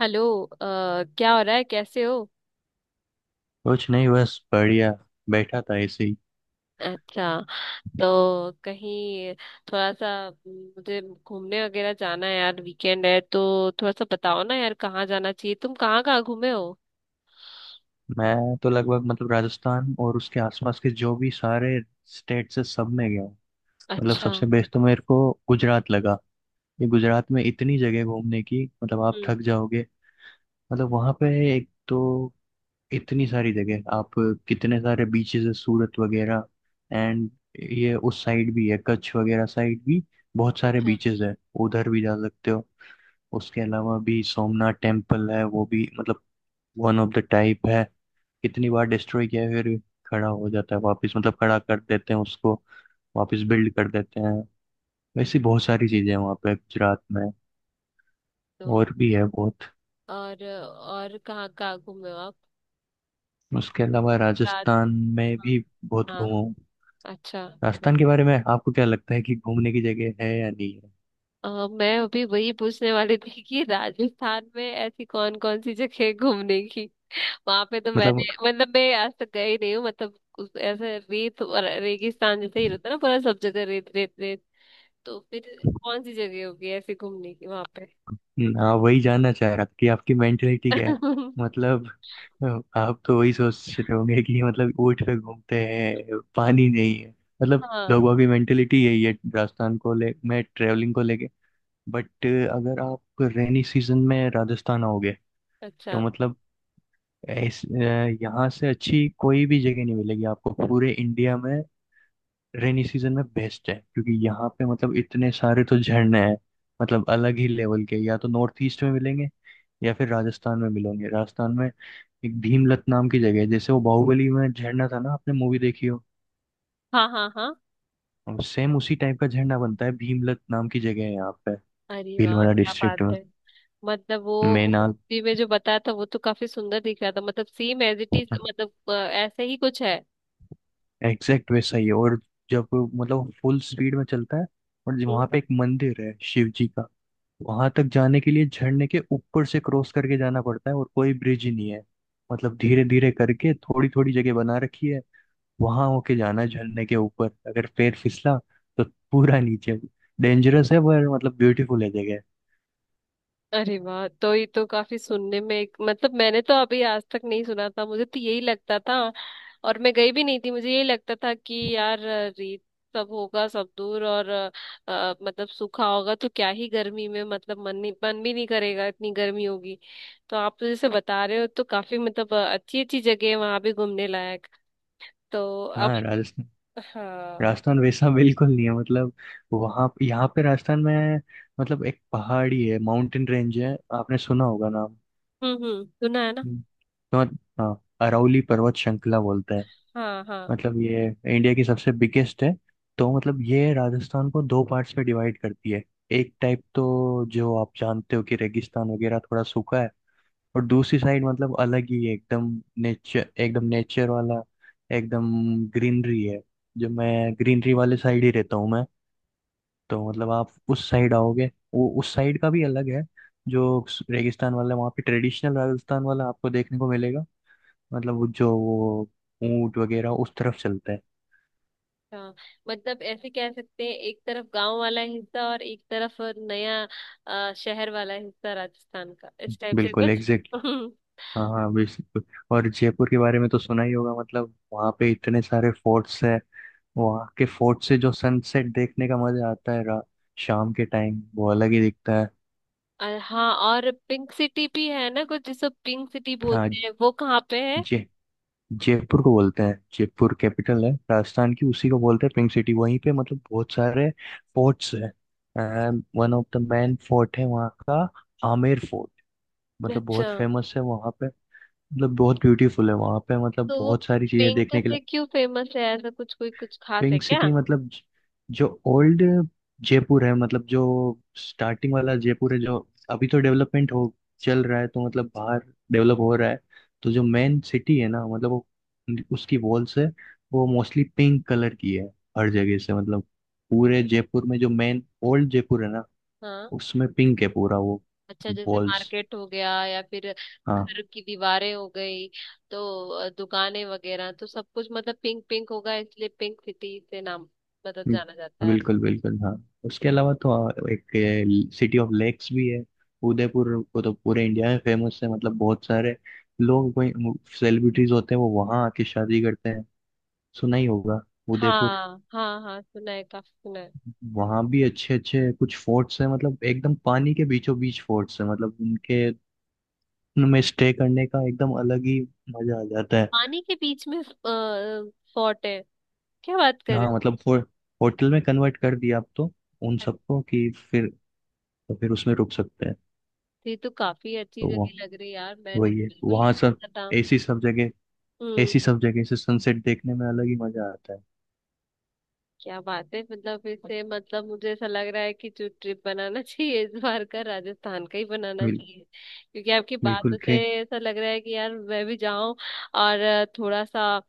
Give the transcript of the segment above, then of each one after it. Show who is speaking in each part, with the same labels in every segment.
Speaker 1: Hello क्या हो रहा है, कैसे हो।
Speaker 2: कुछ नहीं, बस बढ़िया बैठा था ऐसे ही।
Speaker 1: अच्छा, तो कहीं थोड़ा सा मुझे घूमने वगैरह जाना है यार, वीकेंड है तो थोड़ा सा बताओ ना यार, कहाँ जाना चाहिए, तुम कहाँ कहाँ घूमे हो।
Speaker 2: मैं तो लगभग, मतलब राजस्थान और उसके आसपास के जो भी सारे स्टेट से, सब में गया हूँ। मतलब
Speaker 1: अच्छा।
Speaker 2: सबसे बेस्ट तो मेरे को गुजरात लगा। ये गुजरात में इतनी जगह घूमने की, मतलब आप
Speaker 1: हम्म।
Speaker 2: थक जाओगे। मतलब वहाँ पे, एक तो इतनी सारी जगह आप, कितने सारे बीचेस है, सूरत वगैरह। एंड ये उस साइड भी है कच्छ वगैरह साइड भी, बहुत सारे
Speaker 1: अच्छा।
Speaker 2: बीचेस है। उधर भी जा सकते हो। उसके अलावा भी सोमनाथ टेम्पल है, वो भी मतलब वन ऑफ द टाइप है। कितनी बार डिस्ट्रॉय किया है, फिर भी खड़ा हो जाता है वापस, मतलब खड़ा कर देते हैं उसको वापस, बिल्ड कर देते हैं। वैसी बहुत सारी चीजें हैं वहाँ पे गुजरात में,
Speaker 1: तो
Speaker 2: और भी है बहुत।
Speaker 1: और कहाँ कहाँ घूमे हो आप।
Speaker 2: उसके अलावा
Speaker 1: राज
Speaker 2: राजस्थान में
Speaker 1: हाँ।
Speaker 2: भी बहुत
Speaker 1: हाँ,
Speaker 2: घूमा हूँ।
Speaker 1: अच्छा। तो
Speaker 2: राजस्थान के बारे में आपको क्या लगता है कि घूमने की जगह है या नहीं है?
Speaker 1: मैं अभी वही पूछने वाली थी कि राजस्थान में ऐसी कौन कौन सी जगह है घूमने की। वहां पे तो
Speaker 2: मतलब
Speaker 1: मैंने मतलब मैं आज तक गई नहीं हूँ, मतलब ऐसे रेत और रेगिस्तान जैसे ही रहता है ना, पूरा सब जगह रेत रेत रेत। तो फिर कौन सी जगह होगी ऐसे घूमने की वहां पे।
Speaker 2: हाँ, वही जानना चाह रहा था कि आपकी मेंटेलिटी क्या है। मतलब आप तो वही सोच रहे होंगे कि मतलब ऊँट पे घूमते हैं, पानी नहीं है, मतलब
Speaker 1: हाँ।
Speaker 2: लोगों की मेंटेलिटी यही है राजस्थान को ले, मैं ट्रेवलिंग को लेके। बट अगर आप रेनी सीजन में राजस्थान आओगे तो
Speaker 1: अच्छा।
Speaker 2: मतलब यहाँ से अच्छी कोई भी जगह नहीं मिलेगी आपको पूरे इंडिया में। रेनी सीजन में बेस्ट है, क्योंकि यहाँ पे मतलब इतने सारे तो झरने हैं, मतलब अलग ही लेवल के। या तो नॉर्थ ईस्ट में मिलेंगे या फिर राजस्थान में मिलेंगे। राजस्थान में एक भीमलत नाम की जगह है। जैसे वो बाहुबली में झरना था ना, आपने मूवी देखी हो,
Speaker 1: हाँ हाँ हाँ।
Speaker 2: सेम उसी टाइप का झरना बनता है। भीमलत नाम की जगह है यहाँ पे,
Speaker 1: अरे वाह,
Speaker 2: भीलवाड़ा
Speaker 1: क्या
Speaker 2: डिस्ट्रिक्ट
Speaker 1: बात
Speaker 2: में।
Speaker 1: है। मतलब वो
Speaker 2: मेनाल
Speaker 1: मूवी में जो बताया था वो तो काफी सुंदर दिख रहा था, मतलब सेम एज इट इज, मतलब ऐसे ही कुछ है।
Speaker 2: एग्जैक्ट वैसा ही है। और जब मतलब फुल स्पीड में चलता है। और वहां
Speaker 1: हम्म।
Speaker 2: पे एक मंदिर है शिव जी का। वहां तक जाने के लिए झरने के ऊपर से क्रॉस करके जाना पड़ता है, और कोई ब्रिज ही नहीं है। मतलब धीरे धीरे करके थोड़ी थोड़ी जगह बना रखी है। वहां होके जाना है झरने के ऊपर। अगर पैर फिसला तो पूरा नीचे। डेंजरस है, पर मतलब ब्यूटीफुल है जगह।
Speaker 1: अरे वाह, तो ये तो काफी सुनने में एक मतलब मैंने तो अभी आज तक नहीं सुना था, मुझे तो यही लगता था। और मैं गई भी नहीं थी, मुझे यही लगता था कि यार रेत सब होगा सब दूर। और मतलब सूखा होगा तो क्या ही गर्मी में, मतलब मन नहीं, मन भी नहीं करेगा, इतनी गर्मी होगी। तो आप तो जैसे बता रहे हो तो काफी मतलब अच्छी अच्छी जगह है वहां भी घूमने लायक। तो अब
Speaker 2: हाँ, राजस्थान।
Speaker 1: हाँ।
Speaker 2: राजस्थान वैसा बिल्कुल नहीं है, मतलब वहाँ, यहाँ पे राजस्थान में मतलब एक पहाड़ी है, माउंटेन रेंज है, आपने सुना होगा नाम।
Speaker 1: हम्म, सुना है ना।
Speaker 2: हम्म, तो हाँ, अरावली पर्वत श्रृंखला बोलते हैं।
Speaker 1: हाँ हाँ
Speaker 2: मतलब ये इंडिया की सबसे बिगेस्ट है। तो मतलब ये राजस्थान को दो पार्ट्स में डिवाइड करती है। एक टाइप तो जो आप जानते हो कि रेगिस्तान वगैरह थोड़ा सूखा है। और दूसरी साइड मतलब अलग ही है, एकदम नेचर, एकदम नेचर वाला, एकदम ग्रीनरी है। जो, मैं ग्रीनरी वाले साइड ही रहता हूँ मैं। तो मतलब आप उस साइड आओगे, वो उस साइड का भी अलग है जो रेगिस्तान वाला है। वहाँ पे ट्रेडिशनल राजस्थान वाला आपको देखने को मिलेगा। मतलब वो, जो वो ऊंट वगैरह उस तरफ चलता है।
Speaker 1: हाँ। मतलब ऐसे कह सकते हैं एक तरफ गांव वाला हिस्सा और एक तरफ नया शहर वाला हिस्सा, राजस्थान का इस टाइप से
Speaker 2: बिल्कुल
Speaker 1: कुछ।
Speaker 2: एग्जैक्टली। हाँ हाँ, बिल्कुल। और जयपुर के बारे में तो सुना ही होगा, मतलब वहाँ पे इतने सारे फोर्ट्स है। वहाँ के फोर्ट से जो सनसेट देखने का मजा आता है, शाम के टाइम वो अलग ही दिखता है।
Speaker 1: और हाँ, और पिंक सिटी भी है ना कुछ, जिसको पिंक सिटी बोलते
Speaker 2: हाँ।
Speaker 1: हैं वो कहाँ पे है।
Speaker 2: जय जयपुर को बोलते हैं। जयपुर कैपिटल है राजस्थान की, उसी को बोलते हैं पिंक सिटी। वहीं पे मतलब बहुत सारे फोर्ट्स हैं। One of the main fort है वहाँ का, आमेर फोर्ट। मतलब
Speaker 1: अच्छा,
Speaker 2: बहुत फेमस है वहाँ पे, मतलब बहुत ब्यूटीफुल है वहाँ पे, मतलब
Speaker 1: तो वो
Speaker 2: बहुत सारी चीजें
Speaker 1: पिंक
Speaker 2: देखने के लिए।
Speaker 1: से क्यों फेमस है, ऐसा कुछ कोई कुछ खास है
Speaker 2: पिंक
Speaker 1: क्या।
Speaker 2: सिटी मतलब जो ओल्ड जयपुर है, मतलब जो स्टार्टिंग वाला जयपुर है, जो अभी तो डेवलपमेंट हो, चल रहा है। तो मतलब बाहर डेवलप हो रहा है। तो जो मेन सिटी है ना, मतलब वो, उसकी वॉल्स है वो मोस्टली पिंक कलर की है। हर जगह से मतलब पूरे जयपुर में जो मेन ओल्ड जयपुर है ना,
Speaker 1: हाँ।
Speaker 2: उसमें पिंक है पूरा वो,
Speaker 1: अच्छा, जैसे
Speaker 2: वॉल्स।
Speaker 1: मार्केट हो गया या फिर घर की दीवारें हो गई। तो दुकानें वगैरह तो सब कुछ मतलब पिंक पिंक होगा, इसलिए पिंक सिटी से नाम मतलब जाना जाता है।
Speaker 2: बिल्कुल बिल्कुल, हाँ। उसके अलावा तो एक सिटी ऑफ लेक्स भी है, उदयपुर। वो तो पूरे इंडिया में फेमस है। मतलब बहुत सारे लोग कोई, सेलिब्रिटीज होते हैं, वो वहाँ आके शादी करते हैं। सुना ही होगा उदयपुर।
Speaker 1: हाँ हाँ हाँ, सुना है, काफी सुना है।
Speaker 2: वहाँ भी अच्छे अच्छे कुछ फोर्ट्स हैं, मतलब एकदम पानी के बीचों बीच फोर्ट्स हैं। मतलब उनके, उनमें स्टे करने का एकदम अलग ही मजा आ जाता है।
Speaker 1: पानी के बीच में फोर्ट है, क्या बात कर
Speaker 2: हाँ
Speaker 1: रहे
Speaker 2: मतलब होटल में कन्वर्ट कर दिया आप तो उन
Speaker 1: हैं।
Speaker 2: सबको कि फिर, तो फिर उसमें रुक सकते हैं।
Speaker 1: ये तो काफी अच्छी
Speaker 2: तो
Speaker 1: जगह लग रही है यार, मैंने
Speaker 2: वही है
Speaker 1: बिल्कुल
Speaker 2: वहां
Speaker 1: नहीं
Speaker 2: सब,
Speaker 1: सोचा था।
Speaker 2: ऐसी सब जगह,
Speaker 1: हम्म।
Speaker 2: ऐसी सब जगह से सनसेट देखने में अलग ही मजा आता है।
Speaker 1: क्या बात है, मतलब इससे मतलब मुझे ऐसा लग रहा है कि जो ट्रिप बनाना चाहिए इस बार का, राजस्थान का ही बनाना
Speaker 2: बिल,
Speaker 1: चाहिए। क्योंकि आपकी बात
Speaker 2: बिल्कुल
Speaker 1: से
Speaker 2: ट्रेन।
Speaker 1: ऐसा लग रहा है कि यार मैं भी जाऊं, और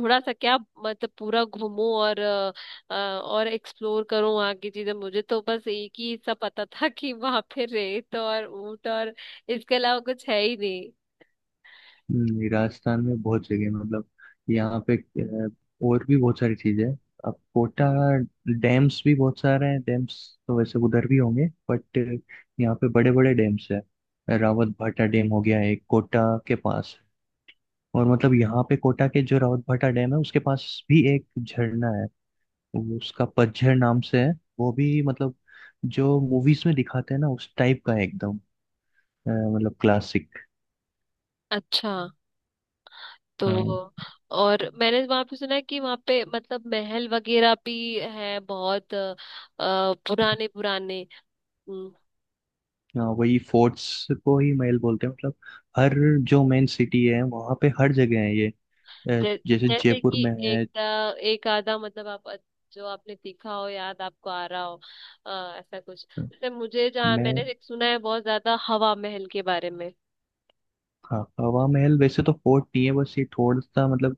Speaker 1: थोड़ा सा क्या, मतलब पूरा घूमूं और और एक्सप्लोर करूं वहाँ की चीजें। मुझे तो बस एक ही हिस्सा पता था कि वहां पे रेत और ऊंट और इसके अलावा कुछ है ही नहीं।
Speaker 2: राजस्थान में बहुत जगह है, मतलब यहाँ पे, और भी बहुत सारी चीजें हैं। अब कोटा, डैम्स भी बहुत सारे हैं डैम्स, तो वैसे उधर भी होंगे, बट यहाँ पे बड़े बड़े डैम्स हैं। रावत भाटा डैम हो गया एक, कोटा के पास। और मतलब यहाँ पे कोटा के जो रावत भाटा डैम है उसके पास भी एक झरना है। वो उसका पतझड़ नाम से है। वो भी मतलब जो मूवीज में दिखाते हैं ना, उस टाइप का है, एकदम मतलब क्लासिक।
Speaker 1: अच्छा। तो
Speaker 2: हाँ,
Speaker 1: और मैंने वहां पे सुना है कि वहां पे मतलब महल वगैरह भी है बहुत, पुराने पुराने। हम्म,
Speaker 2: वही फोर्ट्स को ही महल बोलते हैं। मतलब हर, जो मेन सिटी है वहाँ पे हर जगह है ये,
Speaker 1: जै,
Speaker 2: जैसे
Speaker 1: जैसे
Speaker 2: जयपुर
Speaker 1: कि
Speaker 2: में है।
Speaker 1: एक एक आधा, मतलब आप जो आपने देखा हो, याद आपको आ रहा हो, अ, ऐसा कुछ। जैसे मुझे जहाँ
Speaker 2: मैं
Speaker 1: मैंने एक सुना है बहुत ज्यादा, हवा महल के बारे में।
Speaker 2: हाँ, हवा महल वैसे तो फोर्ट नहीं है, बस ये थोड़ा सा मतलब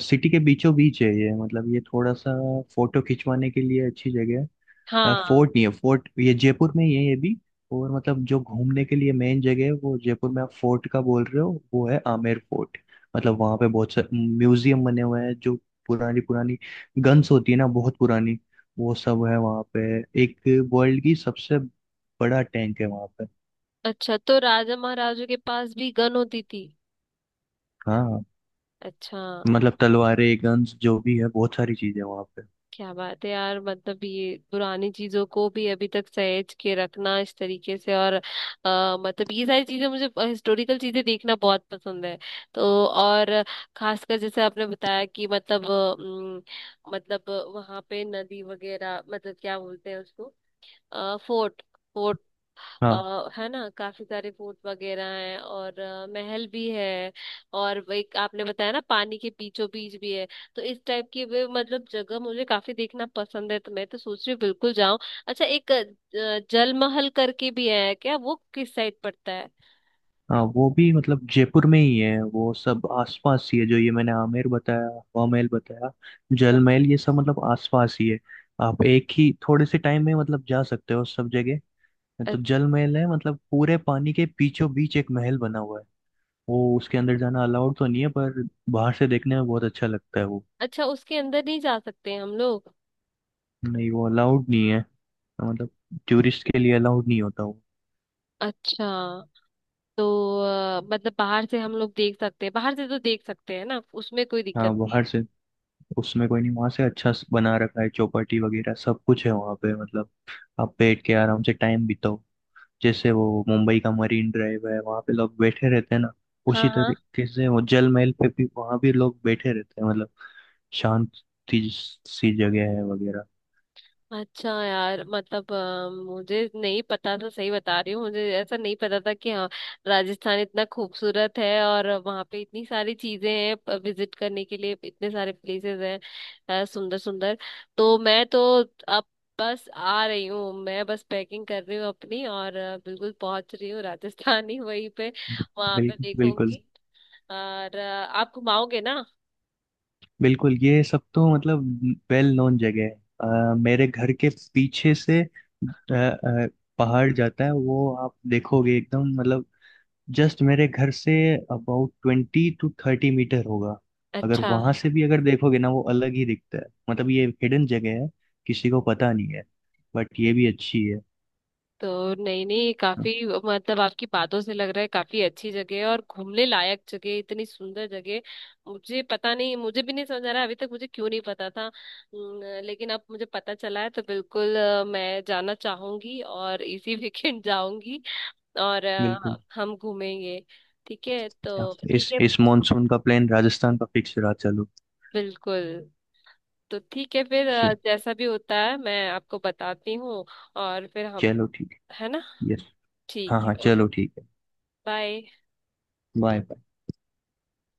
Speaker 2: सिटी के बीचों बीच है ये, मतलब ये थोड़ा सा फोटो खिंचवाने के लिए अच्छी जगह है।
Speaker 1: हाँ।
Speaker 2: फोर्ट नहीं है, फोर्ट ये जयपुर में ही है ये भी। और मतलब जो घूमने के लिए मेन जगह है, वो जयपुर में आप फोर्ट का बोल रहे हो, वो है आमेर फोर्ट। मतलब वहाँ पे बहुत सारे म्यूजियम बने हुए हैं, जो पुरानी पुरानी गन्स होती है ना, बहुत पुरानी, वो सब है वहाँ पे। एक वर्ल्ड की सबसे बड़ा टैंक है वहाँ पे।
Speaker 1: अच्छा, तो राजा महाराजों के पास भी गन होती थी।
Speaker 2: हाँ
Speaker 1: अच्छा।
Speaker 2: मतलब तलवारें, गन्स जो भी है, बहुत सारी चीजें वहाँ पे।
Speaker 1: क्या बात है यार, मतलब ये पुरानी चीजों को भी अभी तक सहेज के रखना इस तरीके से। और मतलब ये सारी चीजें, मुझे हिस्टोरिकल चीजें देखना बहुत पसंद है। तो और खासकर जैसे आपने बताया कि मतलब मतलब वहां पे नदी वगैरह, मतलब क्या बोलते हैं उसको, फोर्ट।
Speaker 2: हाँ
Speaker 1: है ना, काफी सारे फोर्ट वगैरह हैं और महल भी है। और वो एक आपने बताया ना, पानी के बीचों बीच भी है। तो इस टाइप की वे मतलब जगह मुझे काफी देखना पसंद है, तो मैं तो सोच रही हूँ बिल्कुल जाऊं। अच्छा, एक जल महल करके भी है क्या, वो किस साइड पड़ता है।
Speaker 2: हाँ, वो भी मतलब जयपुर में ही है। वो सब आसपास ही है जो ये मैंने आमेर बताया, हवा महल बताया,
Speaker 1: हाँ।
Speaker 2: जल महल, ये सब मतलब आसपास ही है। आप एक ही थोड़े से टाइम में मतलब जा सकते हो सब जगह।
Speaker 1: अ-
Speaker 2: तो जल महल है मतलब पूरे पानी के बीचों बीच एक महल बना हुआ है। वो उसके अंदर जाना अलाउड तो नहीं है, पर बाहर से देखने में बहुत अच्छा लगता है वो।
Speaker 1: अच्छा, उसके अंदर नहीं जा सकते हैं हम लोग।
Speaker 2: नहीं, वो अलाउड नहीं है, मतलब टूरिस्ट के लिए अलाउड नहीं होता वो।
Speaker 1: अच्छा, तो मतलब बाहर से हम लोग देख सकते हैं, बाहर से तो देख सकते हैं ना, उसमें कोई
Speaker 2: हाँ
Speaker 1: दिक्कत नहीं
Speaker 2: बाहर
Speaker 1: है।
Speaker 2: से उसमें कोई नहीं, वहां से अच्छा बना रखा है चौपाटी वगैरह, सब कुछ है वहां पे। मतलब आप बैठ के आराम से टाइम बिताओ। जैसे वो मुंबई का मरीन ड्राइव है वहां पे लोग बैठे रहते हैं ना,
Speaker 1: हाँ
Speaker 2: उसी
Speaker 1: हाँ।
Speaker 2: तरीके से वो जल महल पे भी वहां भी लोग बैठे रहते हैं, मतलब शांत सी सी जगह है वगैरह।
Speaker 1: अच्छा यार, मतलब मुझे नहीं पता था, सही बता रही हूँ, मुझे ऐसा नहीं पता था कि हाँ राजस्थान इतना खूबसूरत है और वहाँ पे इतनी सारी चीजें हैं विजिट करने के लिए, इतने सारे प्लेसेस हैं सुंदर सुंदर। तो मैं तो अब बस आ रही हूँ, मैं बस पैकिंग कर रही हूँ अपनी, और बिल्कुल पहुंच रही हूँ राजस्थान ही, वहीं पे वहाँ पे
Speaker 2: बिल्कुल। बिल्कुल,
Speaker 1: देखूंगी। और आप घुमाओगे ना।
Speaker 2: बिल्कुल ये सब तो मतलब वेल नोन जगह है। मेरे घर के पीछे से, पहाड़ जाता है। वो आप देखोगे, एकदम मतलब जस्ट मेरे घर से अबाउट 20-30 मीटर होगा। अगर
Speaker 1: अच्छा।
Speaker 2: वहां से भी अगर देखोगे ना, वो अलग ही दिखता है। मतलब ये हिडन जगह है, किसी को पता नहीं है, बट ये भी अच्छी है।
Speaker 1: तो नहीं नहीं,
Speaker 2: हाँ,
Speaker 1: काफी मतलब आपकी बातों से लग रहा है काफी अच्छी जगह है और घूमने लायक जगह, इतनी सुंदर जगह। मुझे पता नहीं, मुझे भी नहीं समझ आ रहा अभी तक मुझे क्यों नहीं पता था लेकिन अब मुझे पता चला है तो बिल्कुल मैं जाना चाहूंगी और इसी वीकेंड जाऊंगी। और
Speaker 2: बिल्कुल।
Speaker 1: हम घूमेंगे। ठीक है, तो ठीक
Speaker 2: इस
Speaker 1: है।
Speaker 2: इस मॉनसून का प्लान राजस्थान का फिक्स रहा, चलो।
Speaker 1: बिल्कुल। तो ठीक है फिर,
Speaker 2: च-
Speaker 1: जैसा भी होता है मैं आपको बताती हूँ। और फिर हम,
Speaker 2: चलो, ठीक
Speaker 1: है ना।
Speaker 2: है, यस। हाँ
Speaker 1: ठीक
Speaker 2: हाँ
Speaker 1: है, ओके।
Speaker 2: चलो, ठीक है।
Speaker 1: बाय।
Speaker 2: बाय।